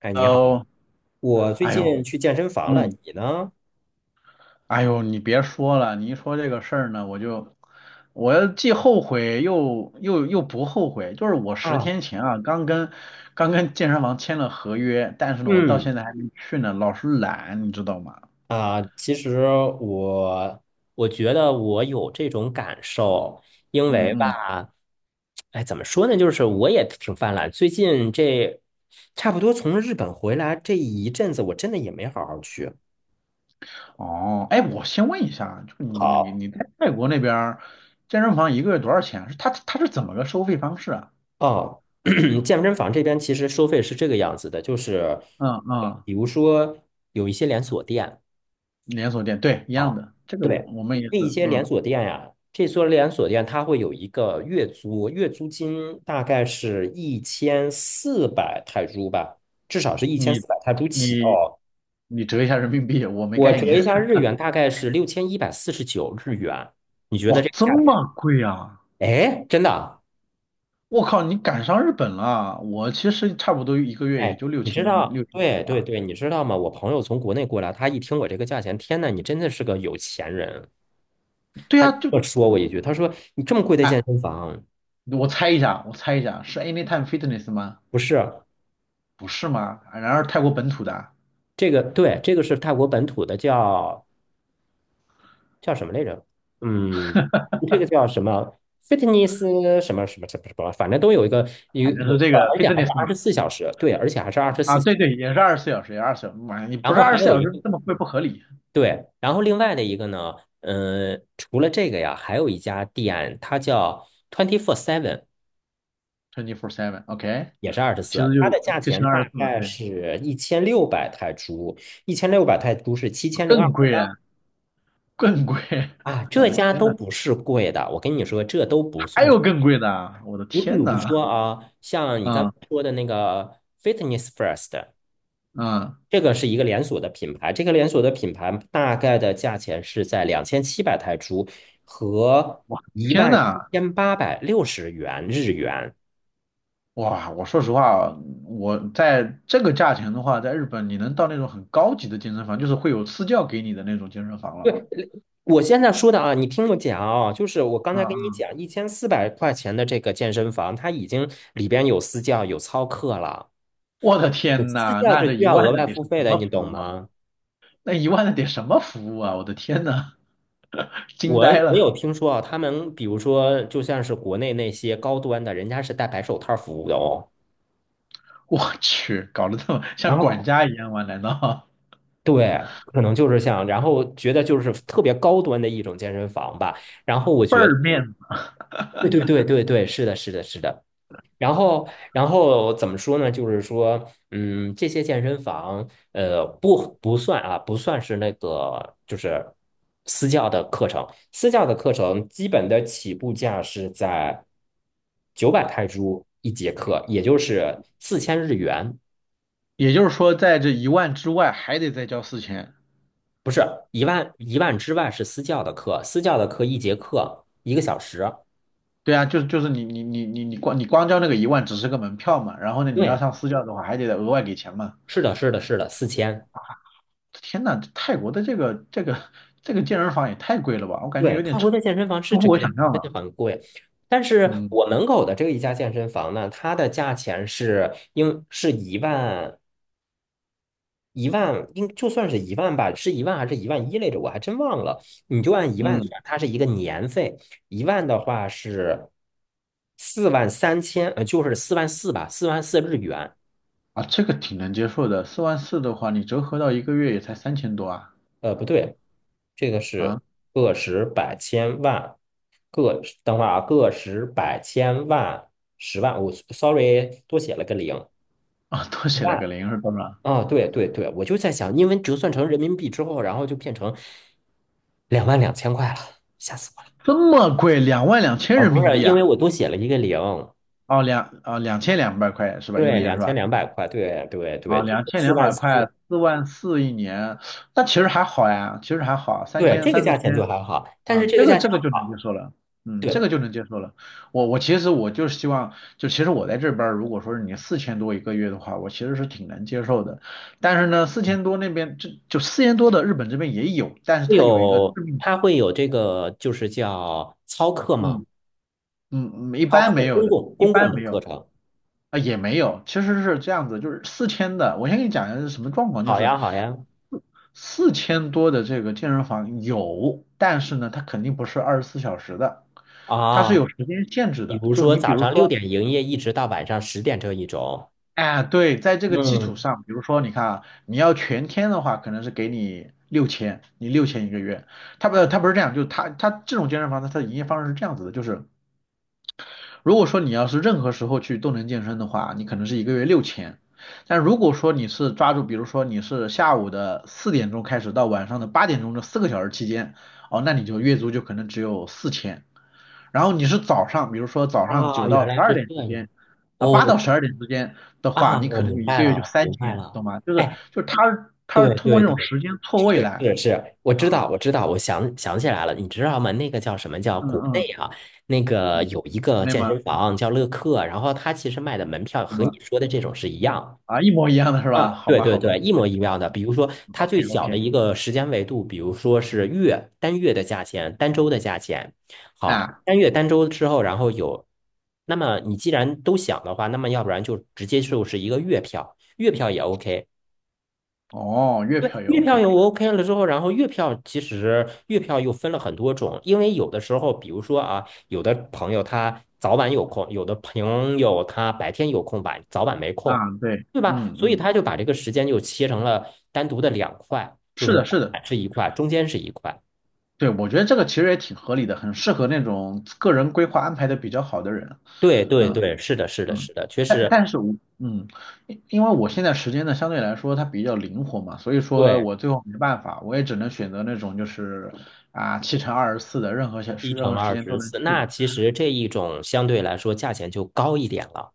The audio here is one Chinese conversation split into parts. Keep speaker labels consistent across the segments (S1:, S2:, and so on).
S1: 哎，你好，
S2: 哦，
S1: 我最
S2: 哎呦，
S1: 近去健身房了，
S2: 嗯，
S1: 你呢？
S2: 哎呦，你别说了，你一说这个事儿呢，我就，我又既后悔又不后悔。就是我十
S1: 啊，
S2: 天前啊，刚跟健身房签了合约，但是呢，我到
S1: 嗯，
S2: 现在还没去呢，老是懒，你知道吗？
S1: 啊，其实我我觉得我有这种感受，因
S2: 嗯
S1: 为
S2: 嗯，
S1: 吧，哎，怎么说呢，就是我也挺犯懒，最近这差不多从日本回来这一阵子，我真的也没好好去。
S2: 哦，哎，我先问一下啊，就你你
S1: 好，
S2: 你在泰国那边儿健身房一个月多少钱？是他是怎么个收费方式啊？
S1: 哦，健身房这边其实收费是这个样子的，就是
S2: 嗯嗯，
S1: 比如说有一些连锁店。
S2: 连锁店，对，一样
S1: 啊，
S2: 的，这个
S1: 对，
S2: 我们也是，
S1: 那一些连
S2: 嗯。
S1: 锁店呀、这所连锁店它会有一个月租，月租金大概是一千四百泰铢吧，至少是一千
S2: 你
S1: 四百泰铢起
S2: 你
S1: 哦。
S2: 你折一下人民币，我没
S1: 我
S2: 概
S1: 折
S2: 念。
S1: 一下 日元，大概是6149日元。你觉得
S2: 哇，
S1: 这个
S2: 这
S1: 价钱？
S2: 么贵啊！
S1: 哎，真的啊？
S2: 我靠，你赶上日本了。我其实差不多一个月也
S1: 哎，
S2: 就六
S1: 你知
S2: 千
S1: 道？
S2: 6,500
S1: 对对
S2: 吧。
S1: 对，你知道吗？我朋友从国内过来，他一听我这个价钱，天呐，你真的是个有钱人。
S2: 对
S1: 他
S2: 啊，就
S1: 就说我
S2: 就
S1: 一句，他说你这么贵的
S2: 哎，
S1: 健身房
S2: 我猜一下，我猜一下，是 Anytime Fitness 吗？
S1: 不是？
S2: 不是吗？啊然而泰国本土的，
S1: 这个对，这个是泰国本土的，叫什么来着？嗯，这个叫什么？fitness 什么什么什么什么，反正都有一个，
S2: 反正是这个
S1: 而且还是
S2: Fitness
S1: 二
S2: 嘛。
S1: 十四小时，对，而且还是二十
S2: 啊，
S1: 四。
S2: 对对，也是二十四小时，也二十四小时。妈呀，你
S1: 然
S2: 不是
S1: 后
S2: 二
S1: 还
S2: 十四
S1: 有
S2: 小
S1: 一
S2: 时
S1: 个
S2: 这么贵不合理
S1: 对，然后另外的一个呢，嗯、除了这个呀，还有一家店，它叫 Twenty Four Seven，
S2: ，twenty four seven，OK，
S1: 也是二十
S2: 其
S1: 四，
S2: 实
S1: 它
S2: 就
S1: 的价
S2: 就
S1: 钱
S2: 乘二
S1: 大
S2: 十四嘛，
S1: 概
S2: 对，
S1: 是一千六百泰铢，一千六百泰铢是七千零二
S2: 更
S1: 十
S2: 贵
S1: 八
S2: 啊，更贵，
S1: 啊，
S2: 我
S1: 这
S2: 的
S1: 家
S2: 天
S1: 都
S2: 呐！
S1: 不是贵的，我跟你说，这都不
S2: 还
S1: 算是。
S2: 有更贵的啊，我的
S1: 你比
S2: 天
S1: 如
S2: 呐，
S1: 说啊，像你刚才
S2: 嗯
S1: 说的那个 Fitness First，
S2: 嗯，
S1: 这个是一个连锁的品牌，这个连锁的品牌大概的价钱是在2700泰铢和
S2: 我
S1: 一
S2: 天
S1: 万
S2: 呐，
S1: 一千八百六十元日元。
S2: 哇，我说实话，我在这个价钱的话，在日本你能到那种很高级的健身房，就是会有私教给你的那种健身房了。
S1: 对，我现在说的啊，你听我讲啊，就是我刚
S2: 嗯
S1: 才跟你
S2: 嗯，
S1: 讲，1400块钱的这个健身房，它已经里边有私教，有操课了。
S2: 我的
S1: 你
S2: 天
S1: 私
S2: 呐，
S1: 教
S2: 那
S1: 是
S2: 这
S1: 需
S2: 一
S1: 要额
S2: 万的
S1: 外
S2: 得是
S1: 付费
S2: 什
S1: 的，
S2: 么
S1: 你
S2: 服
S1: 懂
S2: 务啊？
S1: 吗？
S2: 那一万的得什么服务啊？我的天呐，惊
S1: 我
S2: 呆
S1: 我
S2: 了，
S1: 有听说啊，他们比如说，就像是国内那些高端的，人家是戴白手套服务的哦。
S2: 我去，搞得这么
S1: 然
S2: 像管
S1: 后
S2: 家一样吗？难道
S1: 对，可能就是像，然后觉得就是特别高端的一种健身房吧。然后我
S2: 倍
S1: 觉得，
S2: 儿面子？
S1: 对对对对对，是的，是的，是的。然后，怎么说呢？就是说，这些健身房，不算啊，不算是那个，就是私教的课程。私教的课程基本的起步价是在900泰铢一节课，也就是4000日元，
S2: 也就是说，在这一万之外还得再交四千。
S1: 不是一万之外是私教的课，私教的课一节课一个小时。
S2: 对啊，就是你光交那个一万只是个门票嘛，然后呢你要
S1: 对，
S2: 上私教的话还得额外给钱嘛。
S1: 是的，是的，是的，四千。
S2: 天呐，这泰国的这个健身房也太贵了吧，我感觉
S1: 对，
S2: 有点
S1: 泰国
S2: 超
S1: 的健身房是
S2: 出
S1: 这
S2: 乎
S1: 个
S2: 我
S1: 价
S2: 想
S1: 钱，
S2: 象
S1: 真的
S2: 了。
S1: 很贵。但是
S2: 嗯
S1: 我门口的这一家健身房呢，它的价钱是应是一万，应就算是一万吧，是一万还是一万一来着？我还真忘了。你就按一万
S2: 嗯，
S1: 算，它是一个年费，一万的话是43000，就是四万四吧，44000日元。
S2: 啊，这个挺能接受的，四万四的话你折合到一个月也才3,000多啊
S1: 不对，这个是
S2: 啊
S1: 个十百千万，个等会儿啊，个十百千万十万，我 sorry 多写了个零
S2: 啊，多写了
S1: 万
S2: 个零是多少？
S1: 啊，对对对，我就在想，因为折算成人民币之后，然后就变成22000块了，吓死
S2: 这么贵，22,000
S1: 我了啊！
S2: 人
S1: 不
S2: 民
S1: 是，
S2: 币
S1: 因为
S2: 啊？
S1: 我多写了一个零，
S2: 哦两千两百块是吧？一
S1: 对，
S2: 年是
S1: 两千
S2: 吧？
S1: 两百块，对对对，
S2: 啊，
S1: 对
S2: 两千
S1: 四
S2: 两
S1: 万
S2: 百
S1: 四，
S2: 块，四万四一年，那其实还好呀，其实还好，三
S1: 对，
S2: 千
S1: 这个
S2: 三四
S1: 价钱
S2: 千，
S1: 就还好，但是
S2: 啊，
S1: 这
S2: 这
S1: 个
S2: 个
S1: 价钱
S2: 这个就能接
S1: 好，
S2: 受了，嗯，这个
S1: 对，
S2: 就能接受了。我其实我就是希望，就其实我在这边儿如果说是你四千多一个月的话，我其实是挺能接受的。但是呢，四千多那边就四千多的日本这边也有，但是
S1: 会
S2: 它有一个致
S1: 有
S2: 命，
S1: 它会有这个就是叫操课吗？
S2: 嗯嗯，一
S1: 超
S2: 般
S1: 课，
S2: 没有
S1: 公
S2: 的，
S1: 共
S2: 一
S1: 公
S2: 般
S1: 共的
S2: 没
S1: 课
S2: 有。
S1: 程。
S2: 啊，也没有，其实是这样子，就是四千的，我先给你讲一下是什么状况，就
S1: 好
S2: 是
S1: 呀，好呀。
S2: 四千多的这个健身房有，但是呢，它肯定不是二十四小时的，它是
S1: 啊，
S2: 有时间限制
S1: 比
S2: 的。
S1: 如
S2: 就
S1: 说
S2: 你比
S1: 早
S2: 如
S1: 上六
S2: 说，
S1: 点营业，一直到晚上10点这一种。
S2: 哎，对，在这个基础
S1: 嗯，
S2: 上，比如说你看啊，你要全天的话，可能是给你六千，你六千一个月。它不，它不是这样，就是它这种健身房呢，它的营业方式是这样子的，就是如果说你要是任何时候去动能健身的话，你可能是一个月六千。但如果说你是抓住，比如说你是下午的4点钟开始到晚上的8点钟这4个小时期间，哦，那你就月租就可能只有四千。然后你是早上，比如说早上九
S1: 啊，原
S2: 到十
S1: 来
S2: 二
S1: 是
S2: 点
S1: 这
S2: 之间，
S1: 样。
S2: 啊，八
S1: 哦，
S2: 到十二点之间的话，
S1: 啊，
S2: 你
S1: 我
S2: 可能
S1: 明
S2: 就一
S1: 白
S2: 个月就
S1: 了，
S2: 三
S1: 明白
S2: 千，
S1: 了。
S2: 懂吗？就是
S1: 哎，
S2: 就是他是
S1: 对
S2: 通过
S1: 对
S2: 这种
S1: 对，
S2: 时间错位
S1: 是
S2: 来
S1: 是是，我
S2: 啊，
S1: 知道，我知道，我想想起
S2: 嗯
S1: 来了，你知道吗？那个叫什么叫
S2: 嗯
S1: 国
S2: 嗯
S1: 内啊？那个
S2: 嗯，
S1: 有一个
S2: 那
S1: 健
S2: 么
S1: 身房叫乐客，然后他其实卖的门票
S2: 怎
S1: 和
S2: 么了？
S1: 你说的这种是一样。
S2: 啊，一模一样的是吧？
S1: 啊，
S2: 好
S1: 对
S2: 吧
S1: 对
S2: 好吧
S1: 对，一模一样的。比如说，它
S2: ，OK
S1: 最小的
S2: OK。
S1: 一个时间维度，比如说是月，单月的价钱，单周的价钱。好，
S2: 啊，
S1: 单月单周之后，然后有，那么你既然都想的话，那么要不然就直接就是一个月票，月票也 OK。
S2: 哦，月
S1: 对，
S2: 票也
S1: 月票
S2: OK
S1: 有 OK 了之后，然后月票其实月票又分了很多种，因为有的时候，比如说啊，有的朋友他早晚有空，有的朋友他白天有空，晚早晚没空，
S2: 啊，对，
S1: 对吧？
S2: 嗯
S1: 所以
S2: 嗯，
S1: 他就把这个时间就切成了单独的两块，就
S2: 是
S1: 是
S2: 的，
S1: 早
S2: 是的，
S1: 晚是一块，中间是一块。
S2: 对，我觉得这个其实也挺合理的，很适合那种个人规划安排的比较好的人，
S1: 对对
S2: 嗯
S1: 对，是的，是的，
S2: 嗯，
S1: 是的，确
S2: 但
S1: 实
S2: 但是我嗯，因为我现在时间呢相对来说它比较灵活嘛，所以说
S1: 对，
S2: 我最后没办法，我也只能选择那种就是啊7乘24的，任何小
S1: 一
S2: 时任
S1: 乘
S2: 何时
S1: 二
S2: 间都
S1: 十
S2: 能
S1: 四，
S2: 去
S1: 那
S2: 的，
S1: 其实这一种相对来说价钱就高一点了。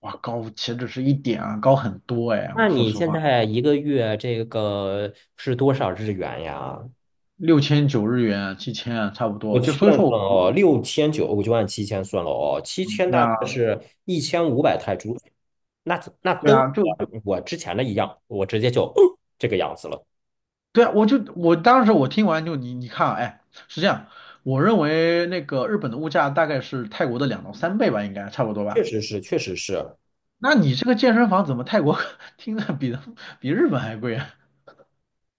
S2: 哇，高岂止是一点啊，高很多哎，
S1: 那
S2: 我说
S1: 你
S2: 实
S1: 现
S2: 话，
S1: 在一个月这个是多少日元呀？
S2: 6,900日元，7,000啊，差不
S1: 我
S2: 多，就
S1: 算
S2: 所以说
S1: 算
S2: 我。
S1: 哦，6900，我就按七千算了哦，七千
S2: 对
S1: 大概
S2: 啊。
S1: 是1500泰铢，那
S2: 对
S1: 跟我
S2: 啊，就
S1: 我之前的一样，我直接就 哦这个样子了，
S2: 对啊，我就我当时我听完就你看啊，哎，是这样，我认为那个日本的物价大概是泰国的2到3倍吧，应该差不多
S1: 确
S2: 吧。
S1: 实是，确实是，
S2: 那你这个健身房怎么泰国 听着比日本还贵啊？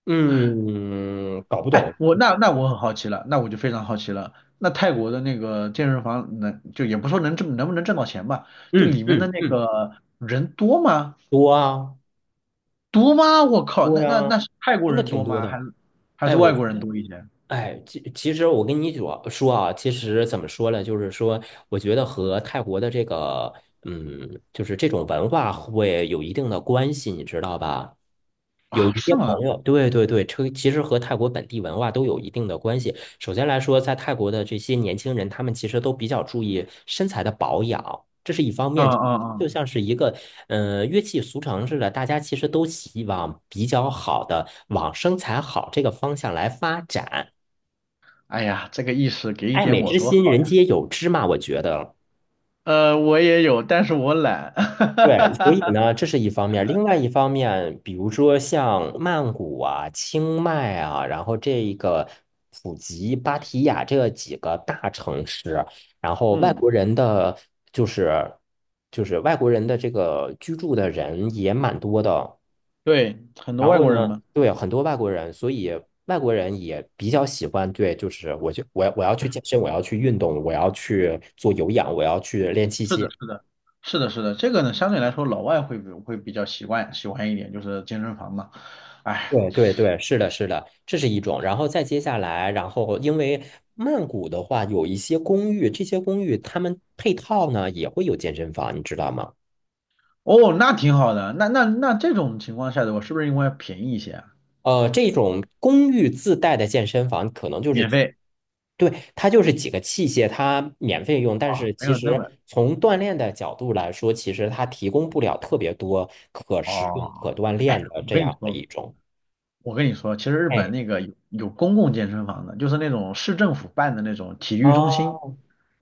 S1: 嗯，搞不
S2: 哎，
S1: 懂，
S2: 我我很好奇了，那我就非常好奇了，那泰国的那个健身房能就也不说能挣能不能挣到钱吧，就
S1: 嗯
S2: 里面的
S1: 嗯
S2: 那
S1: 嗯，
S2: 个人多吗？
S1: 多啊
S2: 多吗？我靠，
S1: 多
S2: 那那
S1: 呀，
S2: 那是泰国
S1: 真的
S2: 人
S1: 挺
S2: 多
S1: 多
S2: 吗？
S1: 的，
S2: 还是还
S1: 哎，
S2: 是
S1: 我
S2: 外
S1: 觉
S2: 国人
S1: 得。
S2: 多一些
S1: 哎，其实我跟你主要说啊，其实怎么说呢，就是说，我觉得和泰国的这个，就是这种文化会有一定的关系，你知道吧？有一
S2: 啊？是
S1: 些
S2: 吗？
S1: 朋友，对对对，这其实和泰国本地文化都有一定的关系。首先来说，在泰国的这些年轻人，他们其实都比较注意身材的保养，这是一方
S2: 啊
S1: 面。
S2: 啊啊！
S1: 就像是一个，乐器俗成似的，大家其实都希望比较好的往身材好这个方向来发展。
S2: 哎呀，这个意识给一
S1: 爱
S2: 点
S1: 美
S2: 我
S1: 之
S2: 多
S1: 心，
S2: 好
S1: 人
S2: 呀！
S1: 皆有之嘛，我觉得。
S2: 呃，我也有，但是我懒。哈哈
S1: 对，所以
S2: 哈
S1: 呢，这是一方面。另外一方面，比如说像曼谷啊、清迈啊，然后这一个普吉、芭提雅这几个大城市，然后外
S2: 嗯，
S1: 国人的就是就是外国人的这个居住的人也蛮多的。
S2: 对，很多
S1: 然
S2: 外
S1: 后
S2: 国人
S1: 呢，
S2: 嘛。
S1: 对，很多外国人，所以外国人也比较喜欢，对，就是我就我要去健身，我要去运动，我要去做有氧，我要去练器
S2: 是的，
S1: 械。
S2: 是的，是的，是的。这个呢，相对来说老外会比较习惯喜欢一点，就是健身房嘛。哎，
S1: 对对对，是的，是的，这是一种。然后再接下来，然后因为曼谷的话，有一些公寓，这些公寓他们配套呢也会有健身房，你知道吗？
S2: 哦，那挺好的。那这种情况下的话，是不是应该便宜一些啊？
S1: 这种公寓自带的健身房可能就是，
S2: 免费
S1: 对，它就是几个器械，它免费用，但
S2: 啊，
S1: 是
S2: 没
S1: 其
S2: 有那么
S1: 实从锻炼的角度来说，其实它提供不了特别多可使用、可
S2: 哦。
S1: 锻
S2: 哎，
S1: 炼的
S2: 我
S1: 这
S2: 跟你
S1: 样的
S2: 说，
S1: 一种。
S2: 我跟你说，其实日本
S1: 哎，
S2: 那个有公共健身房的，就是那种市政府办的那种体育中
S1: 啊，
S2: 心。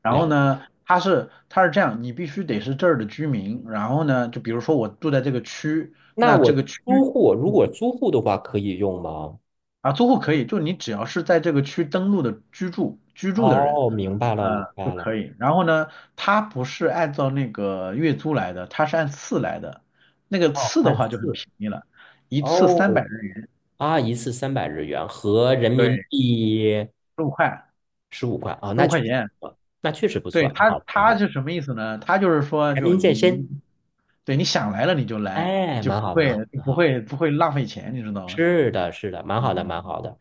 S2: 然后
S1: 了，
S2: 呢，它是这样，你必须得是这儿的居民。然后呢，就比如说我住在这个区，
S1: 那
S2: 那
S1: 我
S2: 这个区，
S1: 租户如
S2: 嗯，
S1: 果租户的话，可以用吗？
S2: 啊，租户可以，就你只要是在这个区登录的居住的人，
S1: 哦，明白了，明
S2: 呃，就
S1: 白了。
S2: 可以。然后呢，它不是按照那个月租来的，它是按次来的。那个
S1: 哦，
S2: 次的
S1: 按
S2: 话就很
S1: 四。
S2: 便宜了，一次三
S1: 哦，
S2: 百日元，
S1: 啊，一次300日元合人民
S2: 对，
S1: 币
S2: 十五块，
S1: 15块啊，哦
S2: 十
S1: 那
S2: 五
S1: 确
S2: 块
S1: 实
S2: 钱。
S1: 不错，那确实不错，
S2: 对
S1: 蛮
S2: 他，
S1: 好的，蛮
S2: 他
S1: 好的。
S2: 是什么意思呢？他就是说，
S1: 全
S2: 就
S1: 民健
S2: 你
S1: 身，
S2: 你，对你想来了你就来，你
S1: 哎，
S2: 就
S1: 蛮好，蛮好，蛮好。
S2: 不会浪费钱，你知道吗？
S1: 是的，是的，蛮
S2: 嗯
S1: 好的，
S2: 嗯，
S1: 蛮
S2: 嗯
S1: 好的。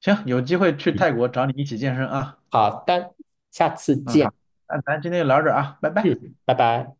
S2: 行，有机会去
S1: 嗯，
S2: 泰国找你一起健身啊。
S1: 好的，下次
S2: 嗯，
S1: 见。
S2: 好，那咱今天就聊到这儿啊，拜拜。
S1: 嗯，拜拜。